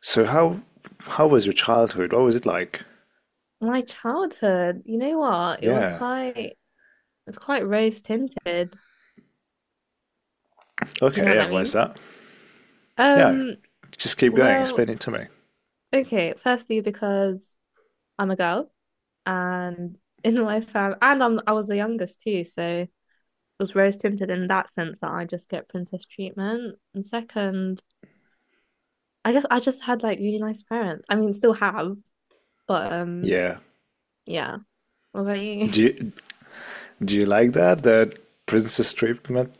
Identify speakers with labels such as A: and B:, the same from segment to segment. A: So how was your childhood? What was it like?
B: My childhood, you know what?
A: Yeah.
B: It's quite rose tinted. Do you know
A: Okay,
B: what that
A: and where's
B: means?
A: that? No,
B: Um,
A: just keep going.
B: well,
A: Explain it to me.
B: okay, firstly because I'm a girl and in my family and I was the youngest too, so it was rose tinted in that sense that I just get princess treatment. And second, I guess I just had like really nice parents. I mean, still have, but
A: Yeah.
B: yeah. What about you?
A: Do you do you like that? That princess treatment?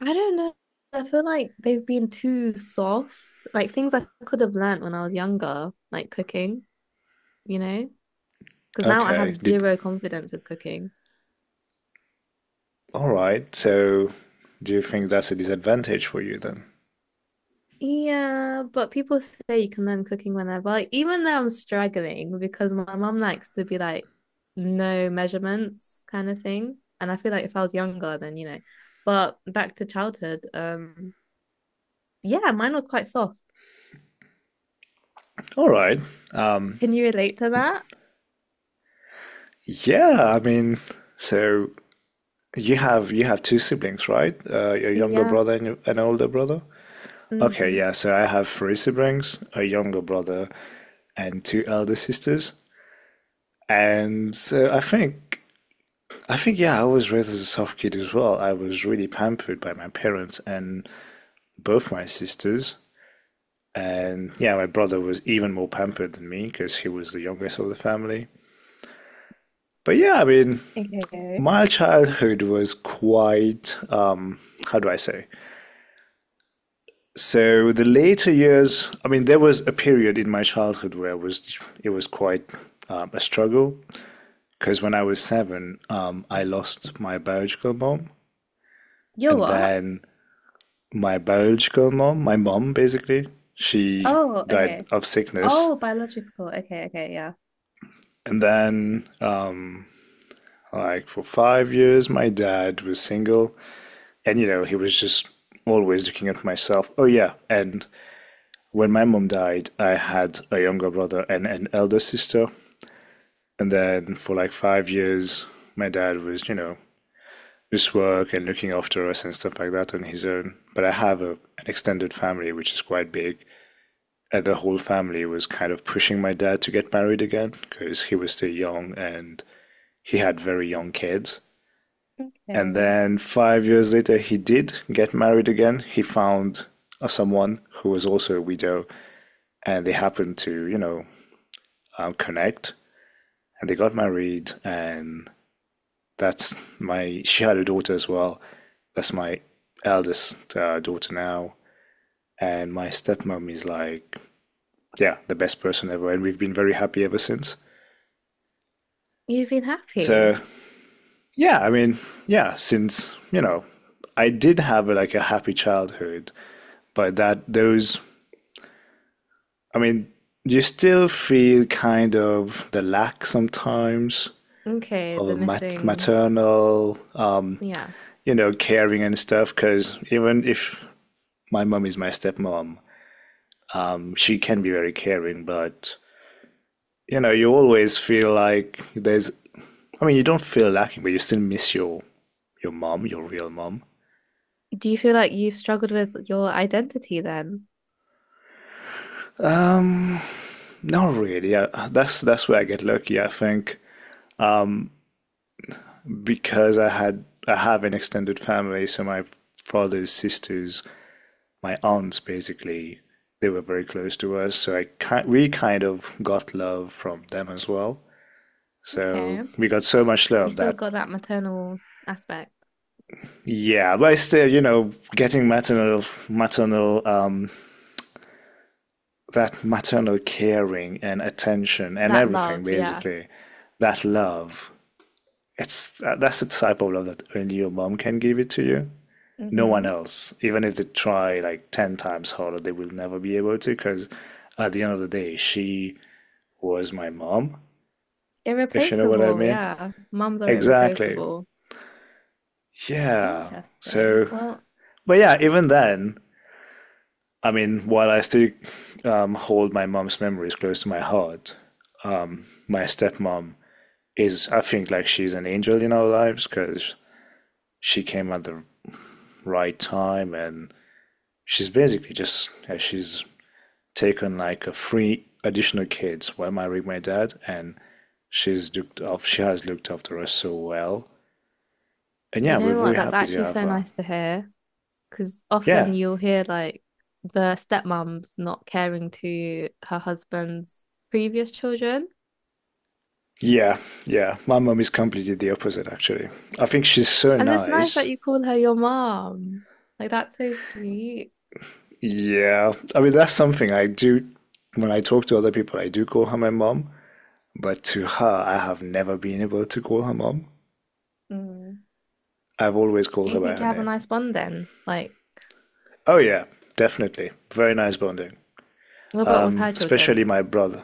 B: I don't know. I feel like they've been too soft. Like things I could have learnt when I was younger, like cooking, you know? Because now I have
A: Okay. Did
B: zero confidence with cooking.
A: all right. So do you think that's a disadvantage for you then?
B: Yeah, but people say you can learn cooking whenever. Like, even though I'm struggling because my mum likes to be like no measurements kind of thing. And I feel like if I was younger then. But back to childhood, yeah, mine was quite soft.
A: All right. Um.
B: Can you relate to that?
A: Yeah. I mean, so you have two siblings, right? Your younger
B: Yeah.
A: brother and your- an older brother. Okay.
B: Hmm.
A: Yeah. So I have three siblings, a younger brother, and two elder sisters. And so I think, yeah, I was raised as a soft kid as well. I was really pampered by my parents and both my sisters. And yeah, my brother was even more pampered than me because he was the youngest of the family. But yeah, I mean,
B: Okay.
A: my childhood was quite, how do I say? So the later years, I mean, there was a period in my childhood where it was quite a struggle. Because when I was seven, I lost my biological mom.
B: You're
A: And
B: what?
A: then my biological mom, my mom basically, she
B: Oh,
A: died
B: okay.
A: of sickness.
B: Oh, biological. Okay, okay, yeah.
A: And then, like, for 5 years, my dad was single. And, you know, he was just always looking at myself. Oh, yeah. And when my mom died, I had a younger brother and an elder sister. And then for like 5 years, my dad was, you know, just work and looking after us and stuff like that on his own. But I have a, an extended family, which is quite big. And the whole family was kind of pushing my dad to get married again because he was still young and he had very young kids. And
B: Okay.
A: then 5 years later, he did get married again. He found someone who was also a widow and they happened to, you know, connect and they got married. And that's she had a daughter as well. That's my eldest daughter now. And my stepmom is like, yeah, the best person ever. And we've been very happy ever since.
B: You've been
A: So,
B: happy.
A: yeah, I mean, yeah, since, you know, I did have a, like a happy childhood, but I mean, you still feel kind of the lack sometimes
B: Okay, the
A: of
B: missing.
A: maternal,
B: Yeah.
A: you know, caring and stuff. Because even if my mom is my stepmom, she can be very caring, but you know, you always feel like I mean, you don't feel lacking, but you still miss your mom, your real mom.
B: Do you feel like you've struggled with your identity then?
A: Not really. That's where I get lucky, I think, because I have an extended family, so my father's sisters, my aunts, basically, they were very close to us. So I ki we kind of got love from them as well. So
B: Okay.
A: we got so much
B: You
A: love
B: still
A: that
B: got that maternal aspect,
A: yeah, but still, you know, getting maternal that maternal caring and attention and
B: that
A: everything,
B: love, yeah.
A: basically, that love. It's that's the type of love that only your mom can give it to you. No one
B: Hmm.
A: else, even if they try like ten times harder, they will never be able to. Because at the end of the day, she was my mom, if you know what I
B: Irreplaceable,
A: mean.
B: yeah. Mums are
A: Exactly.
B: irreplaceable.
A: Yeah.
B: Interesting.
A: So,
B: Well,
A: but yeah, even then, I mean, while I still hold my mom's memories close to my heart, my stepmom is I think like she's an angel in our lives because she came at the right time and she's basically just she's taken like a three additional kids while marrying my dad and she has looked after us so well, and
B: you
A: yeah, we're
B: know
A: very
B: what? That's
A: happy to
B: actually
A: have
B: so
A: her.
B: nice to hear. Because
A: yeah
B: often you'll hear like the stepmom's not caring to her husband's previous children.
A: yeah yeah, my mom is completely the opposite actually. I think she's so
B: And it's nice
A: nice.
B: that you call her your mom. Like that's so sweet.
A: Yeah, I mean that's something I do. When I talk to other people I do call her my mom. But to her, I have never been able to call her mom.
B: Mm.
A: I've always
B: Do
A: called her
B: you
A: by
B: think
A: her
B: you have a
A: name.
B: nice bond then? Like,
A: Oh, yeah, definitely. Very nice bonding.
B: what about with her children?
A: Especially my brother.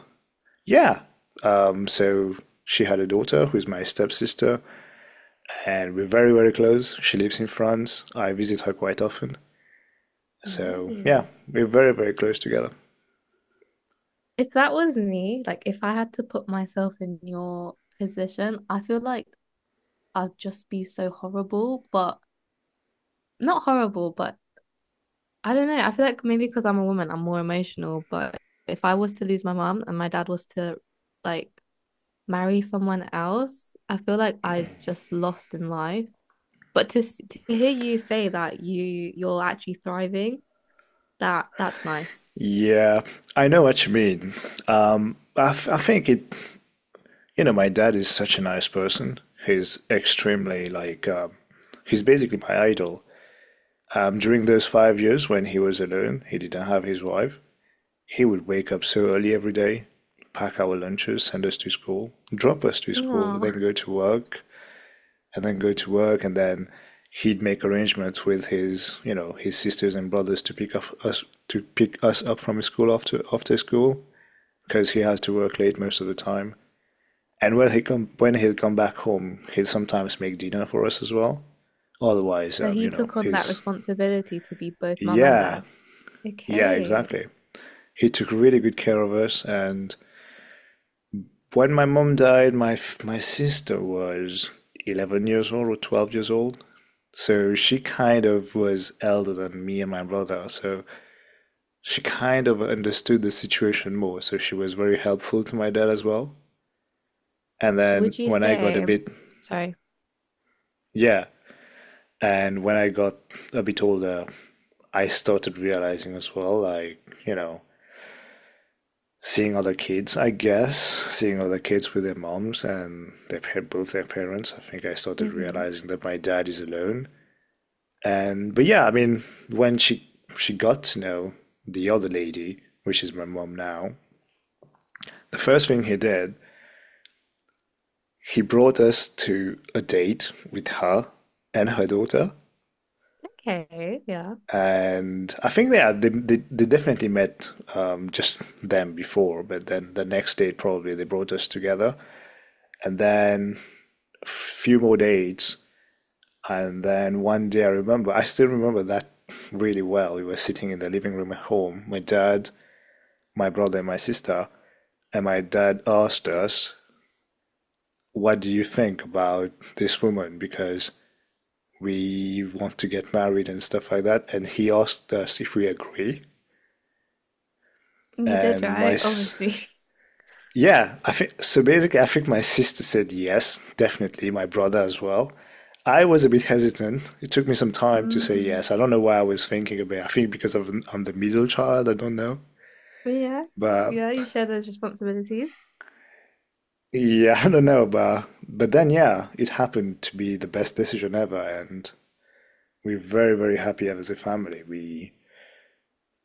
A: Yeah. So she had a daughter who's my stepsister, and we're very, very close. She lives in France. I visit her quite often. So, yeah,
B: Nice.
A: we're very, very close together.
B: If that was me, like if I had to put myself in your position, I feel like I'd just be so horrible, but not horrible, but I don't know. I feel like maybe because I'm a woman, I'm more emotional. But if I was to lose my mom and my dad was to like marry someone else, I feel like I just lost in life. But to hear you say that you're actually thriving, that's nice.
A: Yeah, I know what you mean. I think it you know, my dad is such a nice person. He's extremely like, he's basically my idol. During those 5 years when he was alone, he didn't have his wife. He would wake up so early every day, pack our lunches, send us to school, drop us to school, and
B: Oh,
A: then go to work, and then he'd make arrangements with his, you know, his sisters and brothers to pick up us to pick us up from school after school because he has to work late most of the time. And when he'll come back home, he'll sometimes make dinner for us as well. Otherwise,
B: so
A: you
B: he
A: know,
B: took on that
A: he's
B: responsibility to be both mom and
A: yeah,
B: dad.
A: yeah,
B: Okay.
A: exactly. He took really good care of us. And when my mom died, my sister was 11 years old or 12 years old. So she kind of was elder than me and my brother. So she kind of understood the situation more. So she was very helpful to my dad as well. And then
B: Would you
A: when I got a
B: say,
A: bit,
B: sorry.
A: yeah, and when I got a bit older, I started realizing as well, like, you know, seeing other kids with their moms and their both their parents, I think I started
B: Hmm.
A: realizing that my dad is alone. And but yeah, I mean, when she got to know the other lady, which is my mom now, the first thing he did, he brought us to a date with her and her daughter.
B: Okay. Yeah.
A: And I think yeah, they definitely met just them before, but then the next date probably they brought us together, and then a few more dates, and then one day I remember I still remember that really well. We were sitting in the living room at home, my dad, my brother, and my sister, and my dad asked us, "What do you think about this woman?" Because we want to get married and stuff like that, and he asked us if we agree
B: You did
A: and my
B: right, obviously.
A: yeah, I think so. Basically, I think my sister said yes, definitely. My brother as well. I was a bit hesitant. It took me some time to say yes.
B: Mm.
A: I don't know why I was thinking about it. I think because of I'm the middle child. I don't know,
B: But yeah,
A: but
B: yeah, you share those responsibilities.
A: yeah, I don't know. But then yeah, it happened to be the best decision ever, and we're very, very happy as a family. We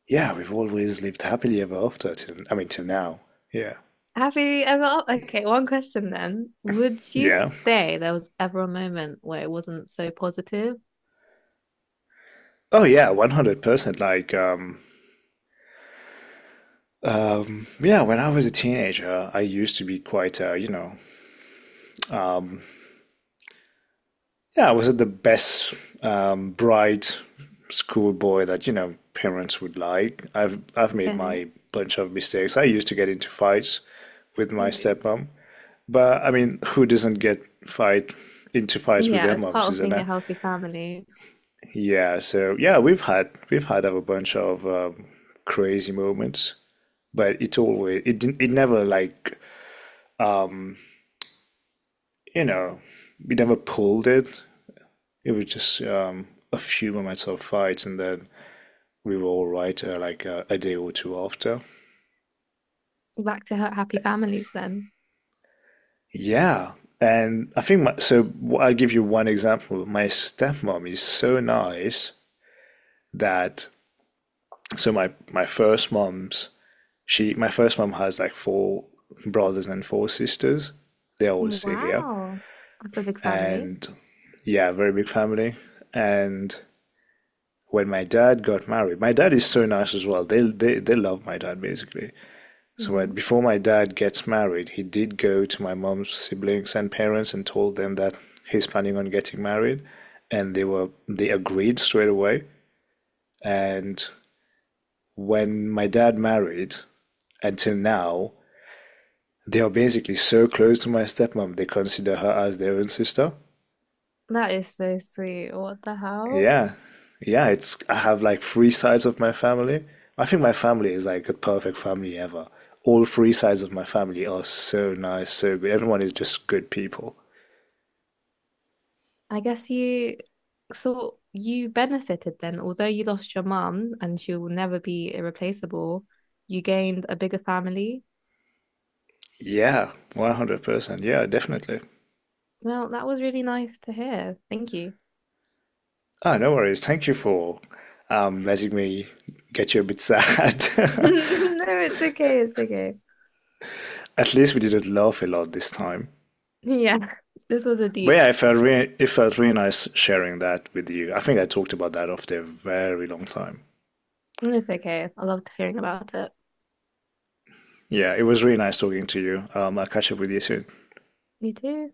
A: yeah, we've always lived happily ever after. Till, I mean, till now. Yeah.
B: Have you ever, okay, one question then. Would you
A: Yeah.
B: say there was ever a moment where it wasn't so positive?
A: Oh yeah, 100%. Yeah, when I was a teenager, I used to be quite, you know, yeah, I wasn't the best bright schoolboy that, you know, parents would like. I've made
B: Okay.
A: my bunch of mistakes. I used to get into fights with my
B: G-
A: stepmom, but I mean, who doesn't get fight into fights with
B: Yeah,
A: their
B: as
A: moms,
B: part of
A: isn't
B: being a
A: it?
B: healthy family.
A: Yeah, so yeah, we've had a bunch of crazy moments, but it never like you know we never pulled it. It was just a few moments of fights, and then we were all right like a day or two after.
B: Back to happy families then.
A: Yeah, and I think my, so. I'll give you one example. My stepmom is so nice that so my first mom's she my first mom has like four brothers and four sisters. They're all still here,
B: Wow. That's a big family.
A: and yeah, very big family. And when my dad got married, my dad is so nice as well. They love my dad basically.
B: Nice.
A: Before my dad gets married, he did go to my mom's siblings and parents and told them that he's planning on getting married, and they agreed straight away. And when my dad married, until now, they are basically so close to my stepmom. They consider her as their own sister.
B: That is so sweet. What the hell?
A: Yeah, yeah. It's I have like three sides of my family. I think my family is like the perfect family ever. All three sides of my family are so nice, so good. Everyone is just good people.
B: I guess you, so you benefited then, although you lost your mum and she will never be irreplaceable, you gained a bigger family.
A: Yeah, 100%. Yeah, definitely.
B: Well, that was really nice to hear. Thank you.
A: Ah, no worries. Thank you for letting me get you a bit sad.
B: No, it's okay. It's okay.
A: At least we didn't laugh a lot this time.
B: Yeah, this was a
A: But
B: deep.
A: yeah, it felt really nice sharing that with you. I think I talked about that after a very long time.
B: It's okay. I loved hearing about it.
A: Yeah, it was really nice talking to you. I'll catch up with you soon.
B: You too.